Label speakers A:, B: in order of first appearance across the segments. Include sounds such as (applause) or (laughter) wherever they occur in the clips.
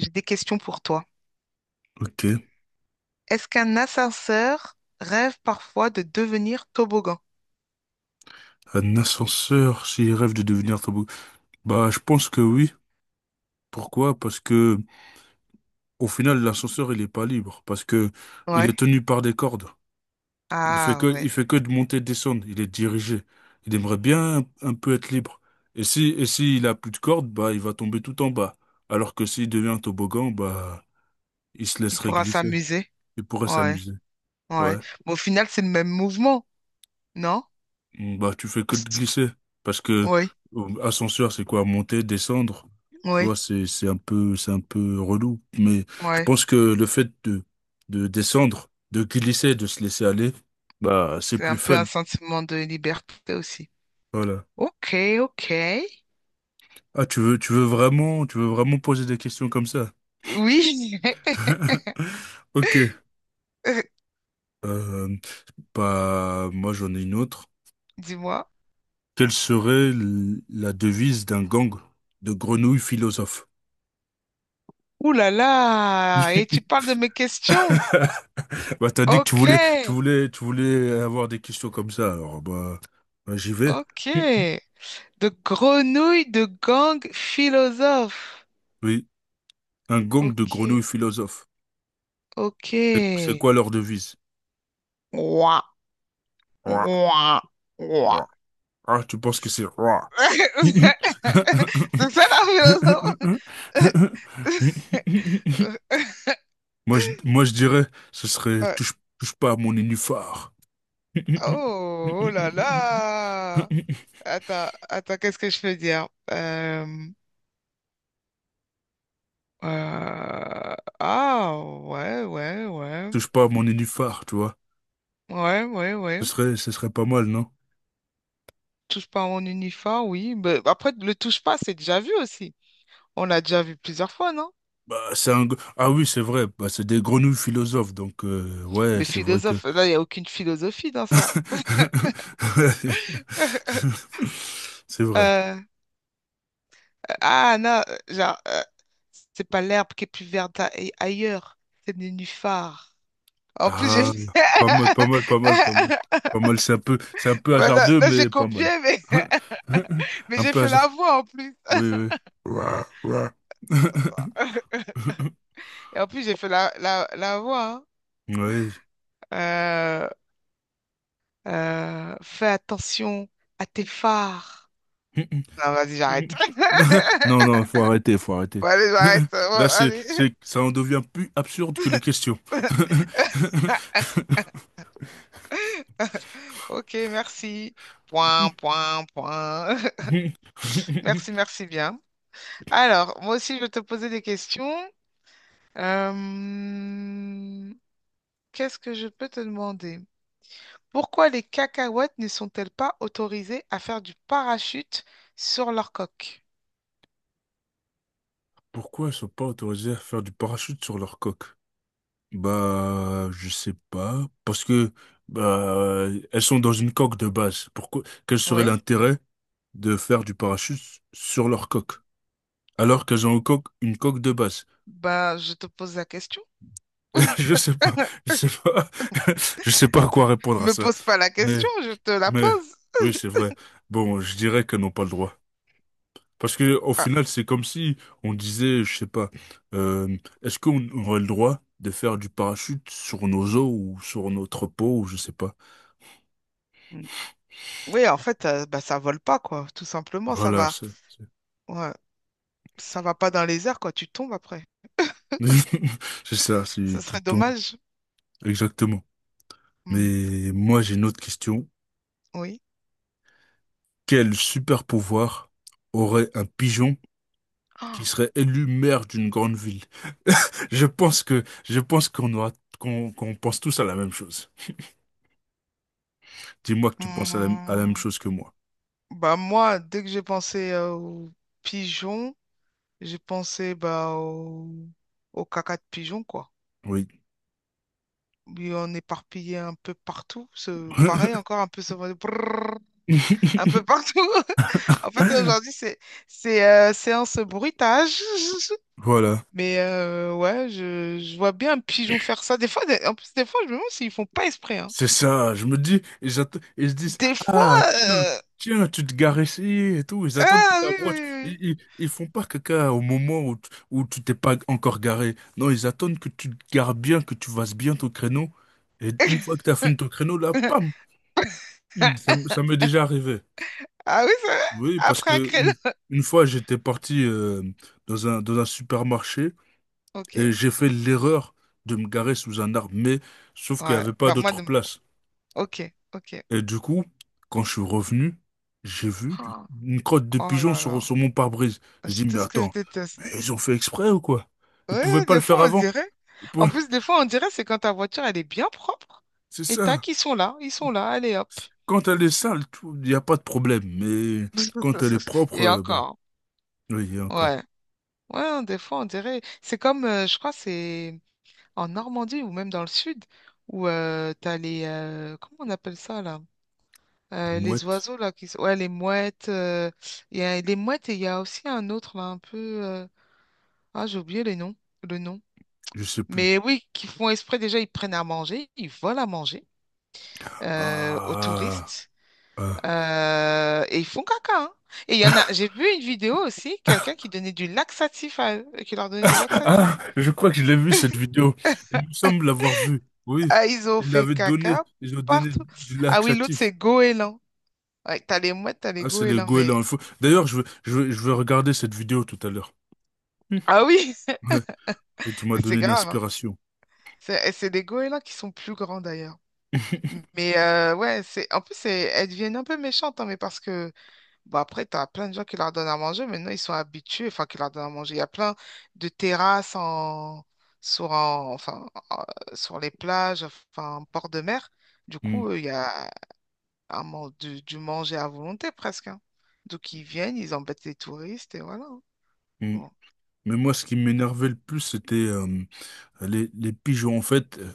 A: J'ai des questions pour toi.
B: Ok.
A: Est-ce qu'un ascenseur rêve parfois de devenir toboggan?
B: Un ascenseur s'il rêve de devenir tabou. Bah, je pense que oui. Pourquoi? Parce que, au final, l'ascenseur, il est pas libre. Parce que, il
A: Ouais.
B: est tenu par des cordes. Il fait
A: Ah
B: que,
A: ouais.
B: il fait que de monter et de descendre. Il est dirigé. Il aimerait bien un peu être libre. Et si, et s'il a plus de cordes, bah, il va tomber tout en bas. Alors que s'il devient un toboggan, bah, il se
A: Il
B: laisserait
A: pourra
B: glisser.
A: s'amuser.
B: Il pourrait
A: Ouais.
B: s'amuser.
A: Ouais.
B: Ouais.
A: Mais au final, c'est le même mouvement, non?
B: Bah, tu fais que
A: Parce
B: de
A: que...
B: glisser. Parce que
A: Oui,
B: ascenseur, c'est quoi? Monter, descendre. Tu
A: oui,
B: vois, c'est un peu relou. Mais je
A: oui.
B: pense que le fait de descendre, de glisser, de se laisser aller, bah, c'est
A: C'est
B: plus
A: un peu
B: fun.
A: un sentiment de liberté aussi.
B: Voilà.
A: Ok, ok.
B: Ah, tu veux vraiment poser des questions comme ça?
A: Oui. (laughs)
B: (laughs) Ok.
A: Euh,
B: Euh, Bah, moi, j'en ai une autre.
A: Dis-moi.
B: Quelle serait la devise d'un gang de grenouilles philosophes?
A: Ouh là là. Et tu
B: (laughs)
A: parles de mes questions.
B: Bah, t'as dit que tu
A: Ok,
B: voulais, tu voulais, tu voulais avoir des questions comme ça, alors bah, j'y vais.
A: ok.
B: Mm.
A: De grenouille de gang philosophe.
B: Oui, un gang de
A: Ok,
B: grenouilles philosophes. C'est
A: ok.
B: quoi leur devise?
A: Ouah,
B: Ouah,
A: ouah, ouah.
B: ouah. Ah, tu penses que c'est ouah.
A: (laughs) C'est ça la philosophe? (laughs)
B: (laughs) Moi, je dirais, ce serait
A: Ouais.
B: touche, touche pas à mon nénuphar.
A: Oh, oh là
B: (laughs)
A: là! Attends, attends, qu'est-ce que je peux dire? Euh, ah, ouais, ouais, ouais.
B: Touche pas à mon nénuphar, tu vois.
A: Ouais, ouais,
B: Ce
A: ouais.
B: serait, ce serait pas mal, non?
A: Touche pas à mon uniforme, oui. Mais après, le touche pas, c'est déjà vu aussi. On l'a déjà vu plusieurs fois, non?
B: Bah, c'est un... Ah oui, c'est vrai, bah, c'est des grenouilles philosophes, donc ouais,
A: Mais
B: c'est vrai que...
A: philosophe, là, il n'y a aucune philosophie dans ça. (laughs)
B: (laughs) C'est vrai.
A: Euh, ah, non, genre, euh, c'est pas l'herbe qui est plus verte ailleurs, c'est le nénuphar. En plus, j'ai...
B: Ah, pas mal, pas mal, pas mal, pas mal.
A: (laughs)
B: Pas mal, c'est un peu
A: Voilà,
B: hasardeux,
A: là, j'ai
B: mais pas
A: copié,
B: mal.
A: mais, (laughs)
B: (laughs)
A: mais
B: Un
A: j'ai
B: peu
A: fait la
B: hasard.
A: voix en plus.
B: Oui, oui. Ouais, ouais. (laughs)
A: (laughs) Et en plus, j'ai fait la voix.
B: Ouais.
A: Hein. Fais attention à tes phares. Non,
B: (laughs)
A: vas-y, j'arrête.
B: Mm. (laughs)
A: (laughs)
B: Non, non, faut arrêter, faut
A: Bon,
B: arrêter.
A: allez, j'arrête. Bon,
B: (laughs) Là, c'est,
A: allez.
B: c'est, ça en devient plus absurde que les questions.
A: (laughs) Ok, merci. Point,
B: (laughs)
A: point, point. (laughs) Merci, merci bien. Alors, moi aussi, je vais te poser des questions. Euh, Qu'est-ce que je peux te demander? Pourquoi les cacahuètes ne sont-elles pas autorisées à faire du parachute sur leur coque?
B: Pourquoi ils sont pas autorisés à faire du parachute sur leur coque? Bah, je sais pas. Parce que, bah, elles sont dans une coque de base. Pourquoi, quel serait
A: Oui,
B: l'intérêt de faire du parachute sur leur coque? Alors qu'elles ont une coque de base.
A: ben, je te pose la question.
B: (laughs) Je sais pas,
A: (laughs)
B: je sais pas, (laughs) je sais pas à quoi répondre à
A: Me
B: ça.
A: pose pas la question, je te la
B: Mais
A: pose.
B: oui, c'est vrai. Bon, je dirais qu'elles n'ont pas le droit. Parce que au
A: Ah,
B: final, c'est comme si on disait, je sais pas, euh, est-ce qu'on aurait le droit de faire du parachute sur nos os ou sur notre peau ou je sais pas.
A: mm. Oui, en fait, ça vole pas, quoi. Tout simplement, ça
B: Voilà,
A: va.
B: c'est
A: Ouais, ça va pas dans les airs, quoi. Tu tombes après.
B: (laughs) c'est ça, c'est
A: Ce
B: tu
A: serait
B: tombes
A: dommage.
B: exactement.
A: Mm,
B: Mais moi, j'ai une autre question.
A: oui.
B: Quel super pouvoir aurait un pigeon qui
A: Ah,
B: serait élu maire d'une grande ville? (laughs) Je pense qu'on aura qu'on pense tous à la même chose. Dis-moi que tu penses à la même
A: mm,
B: chose que moi.
A: bah moi, dès que j'ai pensé aux pigeons, j'ai pensé bah, au caca de pigeon, quoi.
B: Oui.
A: Oui, on est éparpillé un peu partout. Pareil, encore un peu ce brrr, un peu
B: (laughs)
A: partout. (laughs) En fait, aujourd'hui, c'est séance bruitage. (laughs)
B: Voilà.
A: Mais ouais, je vois bien un pigeon faire ça. En plus, des fois, je me demande s'ils font pas exprès. Hein.
B: C'est ça. Je me dis, ils se disent,
A: Des fois,
B: ah, tiens,
A: euh,
B: tiens, tu te gares ici et tout. Ils attendent que tu
A: ah oui,
B: voiture. Ils,
A: oui,
B: ils, ils font pas caca au moment où tu t'es pas encore garé. Non, ils attendent que tu te gares bien, que tu fasses bien ton créneau. Et une fois que tu as fini ton créneau, là,
A: oui.
B: pam! Hmm,
A: (laughs)
B: ça, ça m'est déjà arrivé.
A: Ah oui, c'est vrai?
B: Oui, parce
A: Après un
B: que
A: créneau. (laughs)
B: une fois, j'étais parti dans dans un supermarché. Et
A: Ok.
B: j'ai fait l'erreur de me garer sous un arbre, mais sauf qu'il n'y
A: Ouais.
B: avait pas
A: Bah moi,
B: d'autre
A: non.
B: place.
A: Ok, ok.
B: Et du coup, quand je suis revenu, j'ai vu
A: Oh,
B: une crotte de
A: oh
B: pigeon
A: là là.
B: sur mon pare-brise. J'ai dit,
A: C'est tout
B: mais
A: ce que je
B: attends, mais
A: déteste.
B: ils ont fait exprès ou quoi? Ils pouvaient
A: Ouais,
B: pas le
A: des
B: faire
A: fois, on
B: avant.
A: dirait.
B: Ils
A: En
B: pouvaient-
A: plus, des fois, on dirait c'est quand ta voiture, elle est bien propre.
B: C'est
A: Et
B: ça.
A: tac, ils sont là. Ils sont là. Allez, hop.
B: Quand elle est sale, il n'y a pas de problème. Mais quand elle est
A: (laughs)
B: propre,
A: Et
B: bah,
A: encore.
B: oui, il y a encore.
A: Ouais. Ouais, des fois, on dirait. Je crois, c'est en Normandie ou même dans le sud, où t'as les. Comment on appelle ça, là?
B: Des
A: Les
B: mouettes,
A: oiseaux, là, qui... ouais, les mouettes. Il y a les mouettes et il y a aussi un autre, là, un peu... Ah, j'ai oublié le nom.
B: je sais plus.
A: Mais oui, qui font exprès, déjà, ils prennent à manger, ils volent à manger aux
B: Ah,
A: touristes.
B: ah.
A: Et ils font caca, hein. Et il y en a... J'ai vu une vidéo aussi, quelqu'un qui donnait du laxatif à eux, qui leur
B: (laughs)
A: donnait du laxatif.
B: Ah, je crois que je l'ai vu cette vidéo. Il me semble l'avoir vue. Oui,
A: Ah, ils ont
B: il
A: fait
B: l'avait donné.
A: caca
B: Ils ont donné
A: partout.
B: du
A: Ah oui, l'autre,
B: laxatif.
A: c'est goéland. Ouais, t'as les mouettes, t'as les
B: Ah, c'est les
A: goélands,
B: goélands.
A: mais...
B: Il faut- D'ailleurs, je vais regarder cette vidéo tout à l'heure. Hmm.
A: Ah
B: (laughs)
A: oui,
B: Ouais. Et tu
A: (laughs)
B: m'as
A: mais
B: donné
A: c'est
B: une
A: grave, hein.
B: inspiration.
A: C'est des goélands qui sont plus grands d'ailleurs.
B: (laughs)
A: Mais ouais, c'est en plus c'est- elles deviennent un peu méchantes, hein, mais parce que bon après t'as plein de gens qui leur donnent à manger, maintenant ils sont habitués, enfin qui leur donnent à manger. Il y a plein de terrasses enfin sur les plages, enfin en port de mer. Du
B: Hmm,
A: coup, il y a du manger à volonté presque. Hein. Donc ils viennent, ils embêtent les touristes et voilà. Hein.
B: hmm.
A: Bon,
B: Mais moi, ce qui m'énervait le plus, c'était les pigeons. En fait,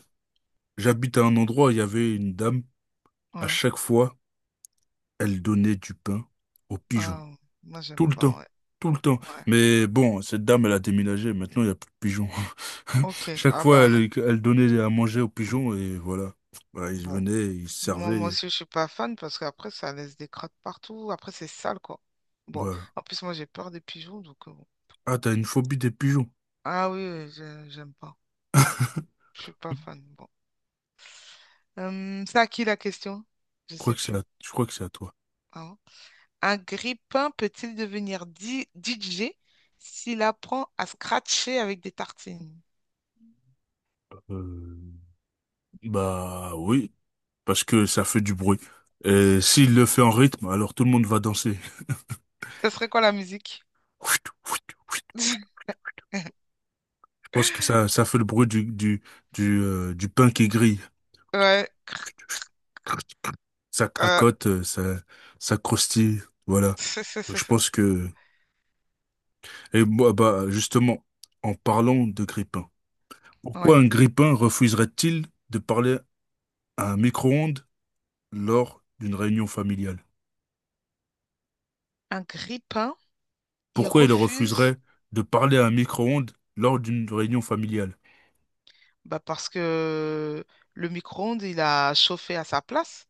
B: j'habite à un endroit où il y avait une dame. À
A: ouais.
B: chaque fois, elle donnait du pain aux pigeons.
A: Ah, moi j'aime
B: Tout le
A: pas,
B: temps,
A: ouais.
B: tout le temps.
A: Ouais.
B: Mais bon, cette dame, elle a déménagé. Maintenant, il n'y a plus de pigeons. (laughs)
A: Ok.
B: Chaque
A: Ah
B: fois,
A: bah
B: elle donnait à manger aux pigeons et voilà. Voilà, ils
A: bon.
B: venaient, ils se
A: Moi, moi
B: servaient.
A: aussi, je suis pas fan parce qu'après, ça laisse des crottes partout. Après, c'est sale, quoi. Bon,
B: Voilà.
A: en plus, moi, j'ai peur des pigeons, donc bon.
B: Ah, t'as une phobie des pigeons.
A: Ah oui, oui, j'aime pas. Mm,
B: (laughs) Je
A: je suis pas fan. Bon. C'est à qui la question? Je
B: crois
A: sais
B: que c'est à,
A: plus.
B: je crois que c'est à toi.
A: Ah ouais. Un grippin peut-il devenir DJ s'il apprend à scratcher avec des tartines?
B: Euh, Bah oui, parce que ça fait du bruit. Et s'il le fait en rythme, alors tout le monde va danser.
A: Ça serait quoi la musique?
B: (laughs)
A: (laughs)
B: Je pense que ça fait le bruit du pain qui grille.
A: Ouais.
B: Ça
A: euh,
B: cracote, ça, ça croustille, voilà. Je
A: (laughs)
B: pense que... Et moi, bah, justement, en parlant de grippin, pourquoi
A: Ouais.
B: un grippin refuserait-il de parler à un micro-ondes lors d'une réunion familiale?
A: Un grippin, il
B: Pourquoi il
A: refuse.
B: refuserait de parler à un micro-ondes lors d'une réunion familiale?
A: Bah parce que le micro-ondes, il a chauffé à sa place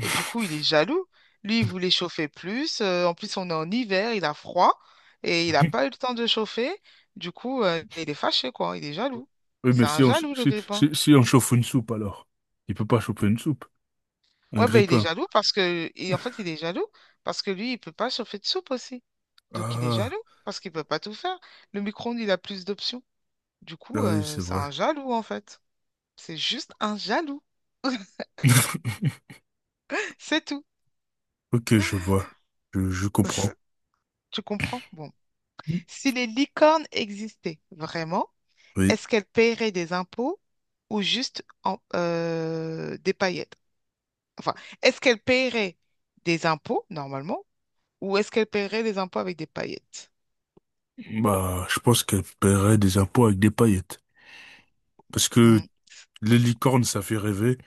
A: et du coup, il est jaloux. Lui, il voulait chauffer plus. En plus, on est en hiver, il a froid et il n'a pas eu le temps de chauffer. Du coup, il est fâché, quoi. Il est jaloux.
B: Oui,
A: C'est
B: mais
A: un jaloux, le grippin.
B: si on chauffe une soupe, alors. Il peut pas chauffer une soupe. Un
A: Ouais, bah, il est
B: grippin.
A: jaloux parce que... Et en fait, il est jaloux parce que lui, il peut pas chauffer de soupe aussi. Donc, il est
B: Ah,
A: jaloux parce qu'il peut pas tout faire. Le micro-ondes, il a plus d'options. Du coup,
B: ah oui, c'est
A: c'est
B: vrai.
A: un jaloux, en fait. C'est juste un jaloux. (laughs)
B: (laughs)
A: C'est tout.
B: Ok, je vois. Je comprends.
A: (laughs) Tu comprends? Bon.
B: Mm.
A: Si les licornes existaient vraiment,
B: Oui.
A: est-ce qu'elles paieraient des impôts ou juste des paillettes? Enfin, est-ce qu'elles paieraient des impôts normalement ou est-ce qu'elles paieraient des impôts avec des paillettes?
B: Bah, je pense qu'elle paierait des impôts avec des paillettes. Parce que
A: Hmm.
B: les licornes, ça fait rêver.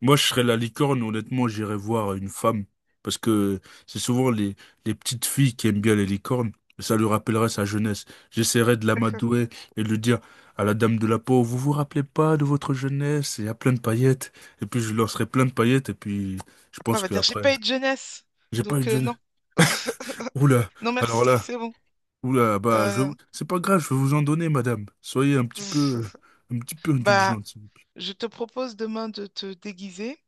B: Moi, je serais la licorne, honnêtement, j'irais voir une femme. Parce que c'est souvent les petites filles qui aiment bien les licornes. Ça lui rappellerait sa jeunesse. J'essaierais de l'amadouer et de lui dire à la dame de la peau, vous vous rappelez pas de votre jeunesse? Il y a plein de paillettes. Et puis, je lui lancerai plein de paillettes. Et puis, je
A: Après, on
B: pense
A: va dire, j'ai
B: qu'après,
A: pas eu de jeunesse,
B: j'ai pas eu
A: donc
B: de
A: non.
B: jeunesse.
A: (laughs)
B: Oula,
A: Non,
B: alors
A: merci,
B: là.
A: c'est bon.
B: Oula, bah, vais
A: Euh,
B: c'est pas grave, je vais vous en donner, madame. Soyez
A: (laughs)
B: un petit peu
A: Bah,
B: indulgente. S'il vous
A: je te propose demain de te déguiser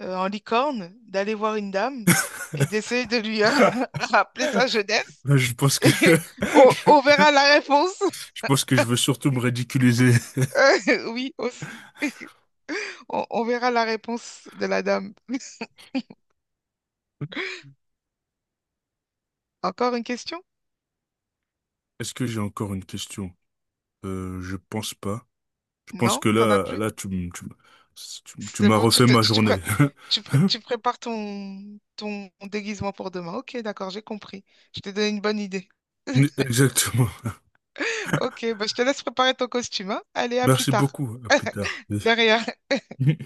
A: en licorne, d'aller voir une dame et d'essayer de lui
B: plaît.
A: (laughs) rappeler sa jeunesse.
B: Là, je pense
A: (laughs)
B: que
A: Et
B: (laughs)
A: on verra la réponse.
B: je
A: (laughs)
B: pense que je veux surtout me ridiculiser.
A: Oui, aussi. On verra la réponse de la dame. (laughs) Encore une question?
B: Est-ce que j'ai encore une question? Je pense pas. Je pense
A: Non,
B: que
A: t'en as
B: là,
A: plus?
B: là, tu
A: C'est
B: m'as
A: bon,
B: refait ma journée.
A: tu prépares ton déguisement pour demain. Ok, d'accord, j'ai compris. Je t'ai donné une bonne idée.
B: (laughs)
A: (laughs)
B: Exactement.
A: Ok, bah, je te laisse préparer ton costume, hein. Allez, à plus
B: Merci
A: tard.
B: beaucoup. À plus tard.
A: (laughs) Derrière.
B: Oui.